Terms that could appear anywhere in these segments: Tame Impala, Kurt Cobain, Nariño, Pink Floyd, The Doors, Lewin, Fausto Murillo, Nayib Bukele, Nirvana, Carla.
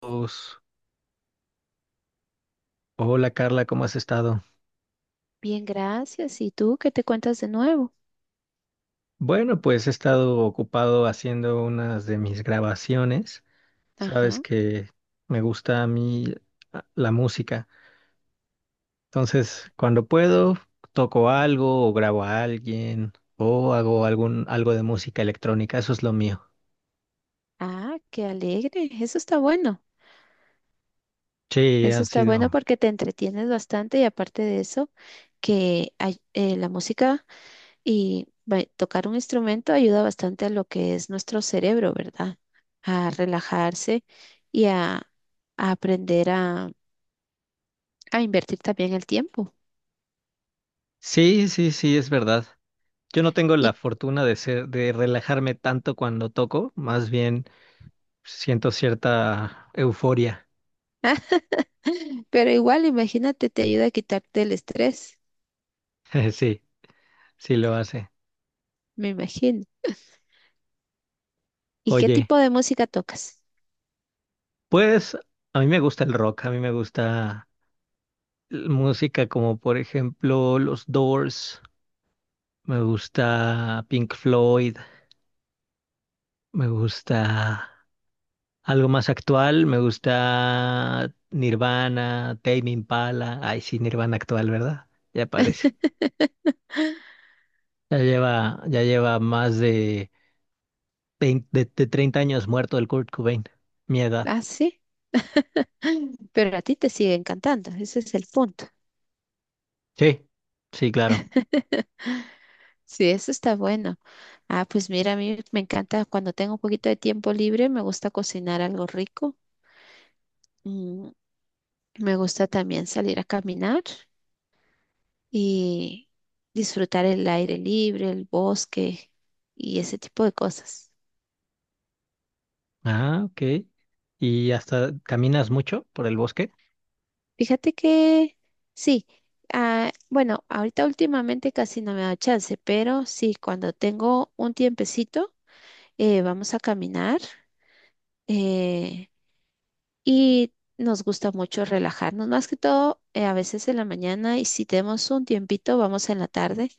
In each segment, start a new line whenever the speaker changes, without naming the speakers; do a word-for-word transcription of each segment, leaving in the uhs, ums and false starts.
Pues, Hola Carla, ¿cómo has estado?
Bien, gracias. ¿Y tú qué te cuentas de nuevo?
Bueno, pues he estado ocupado haciendo unas de mis grabaciones. Sabes
Ajá.
que me gusta a mí ah, la música. Entonces, cuando puedo, toco algo o grabo a alguien o hago algún algo de música electrónica. Eso es lo mío.
Ah, qué alegre. Eso está bueno.
Sí,
Eso
han
está bueno
sido.
porque te entretienes bastante y aparte de eso, que ay- eh, la música y ba- tocar un instrumento ayuda bastante a lo que es nuestro cerebro, ¿verdad? A relajarse y a, a aprender a, a invertir también el tiempo.
Sí, sí, sí, es verdad. Yo no tengo la
Y,
fortuna de ser, de relajarme tanto cuando toco, más bien siento cierta euforia.
pero igual, imagínate, te ayuda a quitarte el estrés,
Sí. Sí lo hace.
me imagino. ¿Y qué
Oye,
tipo de música tocas?
pues a mí me gusta el rock, a mí me gusta l- música como por ejemplo los Doors, me gusta Pink Floyd, me gusta algo más actual, me gusta Nirvana, Tame Impala, ay sí, Nirvana actual, ¿verdad? Ya parece. Ya lleva, ya lleva más de veinte de, de treinta años muerto el Kurt Cobain, mi edad.
Ah, sí. Pero a ti te sigue encantando, ese es el punto.
Sí, sí, claro.
Sí, eso está bueno. Ah, pues mira, a mí me encanta cuando tengo un poquito de tiempo libre, me gusta cocinar algo rico. Mm, me gusta también salir a caminar y disfrutar el aire libre, el bosque y ese tipo de cosas.
Ah, ok. ¿Y hasta caminas mucho por el bosque?
Fíjate que sí. Ah, bueno, ahorita últimamente casi no me da chance, pero sí, cuando tengo un tiempecito, eh, vamos a caminar eh, y nos gusta mucho relajarnos, más que todo eh, a veces en la mañana y si tenemos un tiempito, vamos en la tarde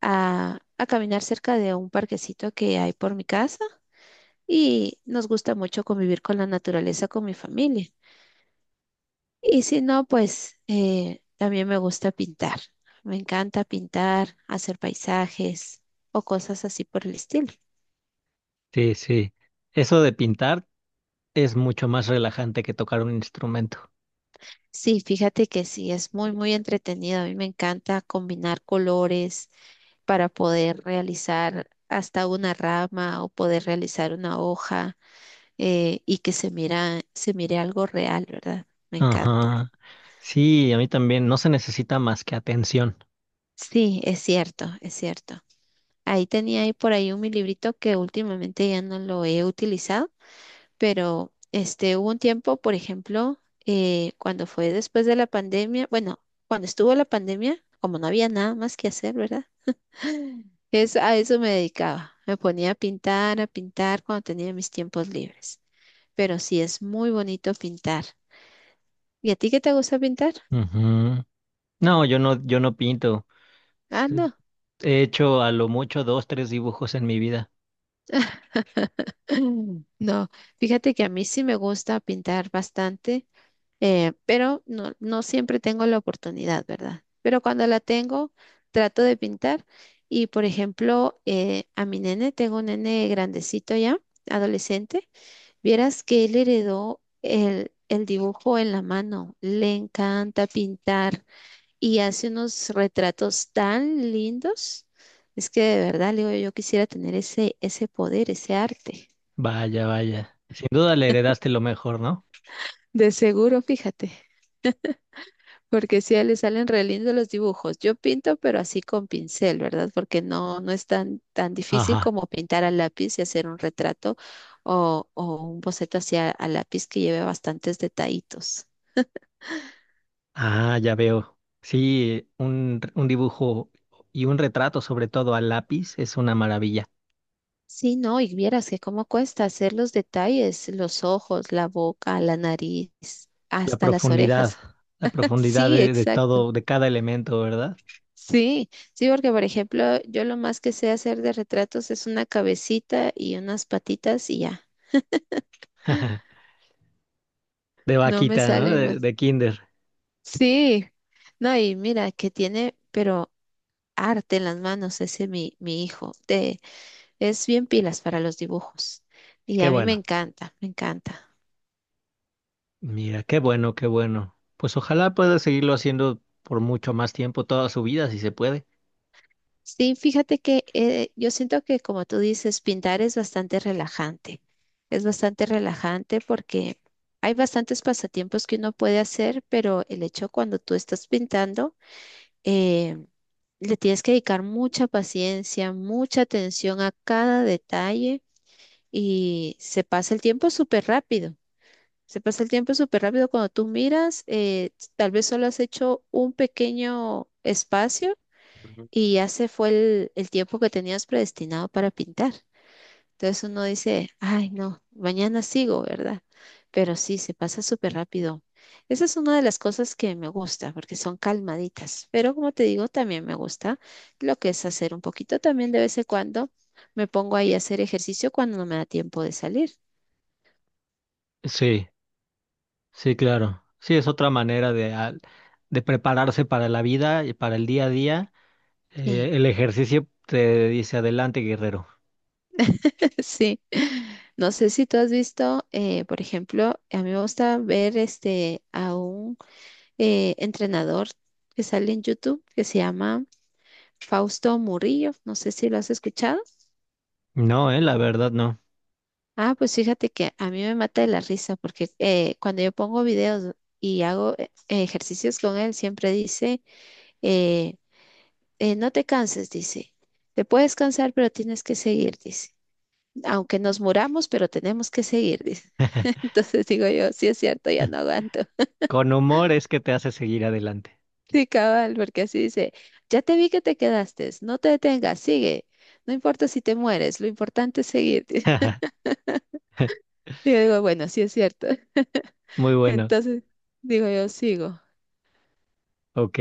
a, a caminar cerca de un parquecito que hay por mi casa y nos gusta mucho convivir con la naturaleza, con mi familia. Y si no, pues eh, también me gusta pintar. Me encanta pintar, hacer paisajes o cosas así por el estilo.
Sí, sí. Eso de pintar es mucho más relajante que tocar un instrumento.
Sí, fíjate que sí, es muy, muy entretenido. A mí me encanta combinar colores para poder realizar hasta una rama o poder realizar una hoja eh, y que se mira, se mire algo real, ¿verdad? Me encanta.
Ajá. Sí, a mí también. No se necesita más que atención.
Sí, es cierto, es cierto. Ahí tenía ahí por ahí un mi librito que últimamente ya no lo he utilizado, pero este hubo un tiempo, por ejemplo, eh, cuando fue después de la pandemia, bueno, cuando estuvo la pandemia, como no había nada más que hacer, ¿verdad? Es, a eso me dedicaba. Me ponía a pintar, a pintar cuando tenía mis tiempos libres. Pero sí es muy bonito pintar. ¿Y a ti qué te gusta pintar?
Ujú. No, yo no, yo no pinto.
Ah, no.
He hecho a lo mucho dos, tres dibujos en mi vida.
No, fíjate que a mí sí me gusta pintar bastante, eh, pero no, no siempre tengo la oportunidad, ¿verdad? Pero cuando la tengo, trato de pintar. Y por ejemplo, eh, a mi nene, tengo un nene grandecito ya, adolescente. Vieras que él heredó el, el dibujo en la mano, le encanta pintar y hace unos retratos tan lindos. Es que de verdad, Leo, yo quisiera tener ese, ese poder, ese arte.
Vaya, vaya. Sin duda le heredaste lo mejor, ¿no?
De seguro, fíjate, porque sí, a él le salen re lindos los dibujos. Yo pinto, pero así con pincel, ¿verdad? Porque no, no es tan, tan difícil
Ajá.
como pintar a lápiz y hacer un retrato o, o un boceto hacia a lápiz que lleve bastantes detallitos.
Ah, ya veo. Sí, un, un dibujo y un retrato, sobre todo a lápiz, es una maravilla.
Sí, no, y vieras que cómo cuesta hacer los detalles, los ojos, la boca, la nariz,
La
hasta las
profundidad,
orejas.
la profundidad
Sí,
de, de
exacto.
todo, de cada elemento, ¿verdad?
Sí, sí, porque por ejemplo, yo lo más que sé hacer de retratos es una cabecita y unas patitas y ya.
De
No me
vaquita, ¿no?
salen
De,
más.
de kinder.
Sí, no, y mira que tiene, pero arte en las manos ese mi, mi hijo. Te- es bien pilas para los dibujos. Y
Qué
a mí me
bueno.
encanta, me encanta.
Mira, qué bueno, qué bueno. Pues ojalá pueda seguirlo haciendo por mucho más tiempo, toda su vida, si se puede.
Sí, fíjate que eh, yo siento que como tú dices, pintar es bastante relajante. Es bastante relajante porque hay bastantes pasatiempos que uno puede hacer, pero el hecho cuando tú estás pintando, eh, le tienes que dedicar mucha paciencia, mucha atención a cada detalle y se pasa el tiempo súper rápido. Se pasa el tiempo súper rápido cuando tú miras, eh, tal vez solo has hecho un pequeño espacio y ya se fue el, el tiempo que tenías predestinado para pintar. Entonces uno dice, ay, no, mañana sigo, ¿verdad? Pero sí, se pasa súper rápido. Esa es una de las cosas que me gusta, porque son calmaditas. Pero como te digo, también me gusta lo que es hacer un poquito también de vez en cuando. Me pongo ahí a hacer ejercicio cuando no me da tiempo de salir.
Sí. Sí, claro. Sí, es otra manera de, al- de prepararse para la vida y para el día a día. Eh,
Sí,
el ejercicio te dice adelante, guerrero.
sí. No sé si tú has visto, eh, por ejemplo, a mí me gusta ver este a un eh, entrenador que sale en YouTube que se llama Fausto Murillo. No sé si lo has escuchado.
No, eh, la verdad no.
Ah, pues fíjate que a mí me mata de la risa porque eh, cuando yo pongo videos y hago eh, ejercicios con él, siempre dice, eh, eh, no te canses, dice, te puedes cansar, pero tienes que seguir, dice, aunque nos muramos, pero tenemos que seguir, dice. Entonces digo yo, sí es cierto, ya no aguanto.
Con humor es que te hace seguir adelante.
Sí, cabal, porque así dice, ya te vi que te quedaste, no te detengas, sigue, no importa si te mueres, lo importante es seguir. Y yo digo, bueno, sí es cierto.
Muy bueno.
Entonces, digo yo, sigo.
Ok.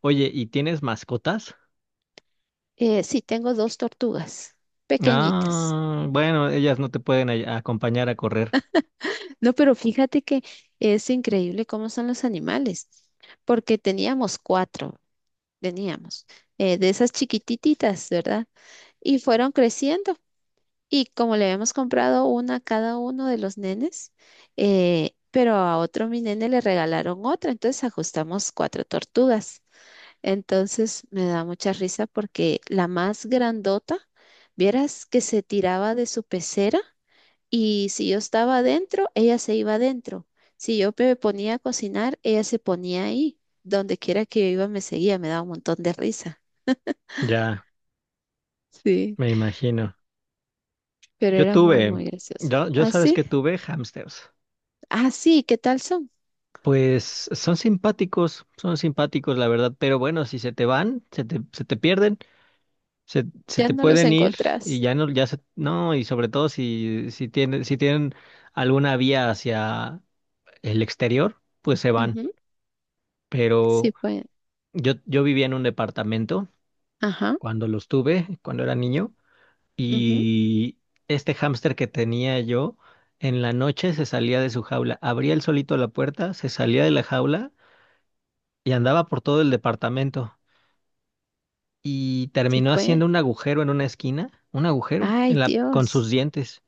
Oye, ¿y tienes mascotas?
Eh, sí, tengo dos tortugas pequeñitas.
Ah, bueno, ellas no te pueden ay- acompañar a correr.
No, pero fíjate que es increíble cómo son los animales, porque teníamos cuatro, teníamos, eh, de esas chiquititas, ¿verdad? Y fueron creciendo. Y como le habíamos comprado una a cada uno de los nenes, eh, pero a otro mi nene le regalaron otra, entonces ajustamos cuatro tortugas. Entonces me da mucha risa porque la más grandota, vieras que se tiraba de su pecera y si yo estaba adentro, ella se iba adentro. Si yo me ponía a cocinar, ella se ponía ahí. Donde quiera que yo iba, me seguía, me daba un montón de risa.
Ya,
Sí,
me imagino.
pero
Yo
era muy,
tuve,
muy graciosa.
yo, yo
¿Ah,
sabes
sí?
que tuve hamsters.
Ah, sí, ¿qué tal son?
Pues son simpáticos, son simpáticos, la verdad, pero bueno, si se te van, se te, se te pierden, se, se
Ya
te
no los
pueden ir y
encontrás.
ya no, ya se, no, y sobre todo si, si tienen, si tienen alguna vía hacia el exterior, pues se van.
Ujú,
Pero
sí pueden.
yo, yo vivía en un departamento
Ajá,
cuando los tuve, cuando era niño,
ujú.
y este hámster que tenía yo, en la noche se salía de su jaula, abría él solito la puerta, se salía de la jaula y andaba por todo el departamento. Y
Sí
terminó
pueden.
haciendo un agujero en una esquina, un agujero en
Ay,
la, con
Dios.
sus dientes.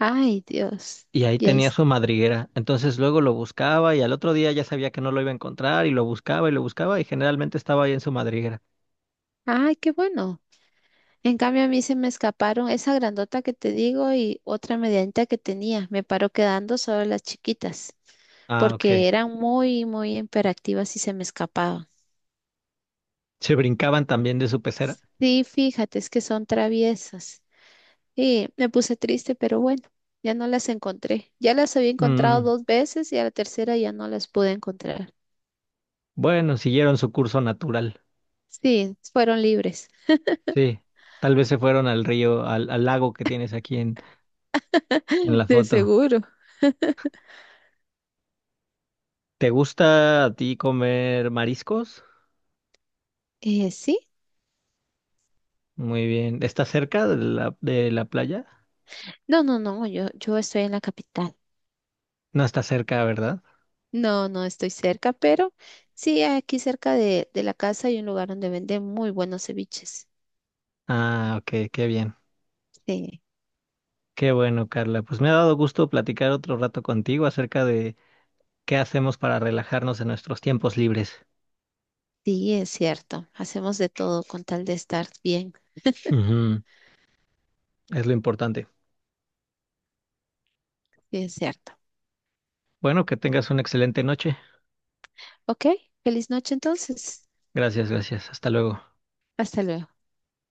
Ay, Dios.
Y ahí
Y ahí.
tenía
se-
su madriguera. Entonces luego lo buscaba y al otro día ya sabía que no lo iba a encontrar y lo buscaba y lo buscaba y generalmente estaba ahí en su madriguera.
Ay, qué bueno. En cambio, a mí se me escaparon esa grandota que te digo y otra medianita que tenía. Me paró quedando solo las chiquitas,
Ah, ok.
porque eran muy, muy imperativas y se me escapaban.
Se brincaban también de su pecera.
Sí, fíjate, es que son traviesas. Y me puse triste, pero bueno, ya no las encontré. Ya las había encontrado
Mm,
dos veces y a la tercera ya no las pude encontrar.
bueno, siguieron su curso natural.
Sí, fueron libres.
Sí. Tal vez se fueron al río, al, al lago que tienes aquí en, en la
De
foto.
seguro.
¿Te gusta a ti comer mariscos?
Eh, sí.
Muy bien. ¿Estás cerca de la, de la playa?
No, no, no, yo, yo estoy en la capital.
No está cerca, ¿verdad?
No, no estoy cerca, pero sí, aquí cerca de, de la casa hay un lugar donde venden muy buenos ceviches.
Ah, ok, qué bien.
Sí,
Qué bueno, Carla. Pues me ha dado gusto platicar otro rato contigo acerca de qué hacemos para relajarnos en nuestros tiempos libres.
sí, es cierto. Hacemos de todo con tal de estar bien.
Ujú, es lo importante.
Sí, es cierto.
Bueno, que tengas una excelente noche.
Ok, feliz noche entonces.
Gracias, gracias. Hasta luego.
Hasta luego.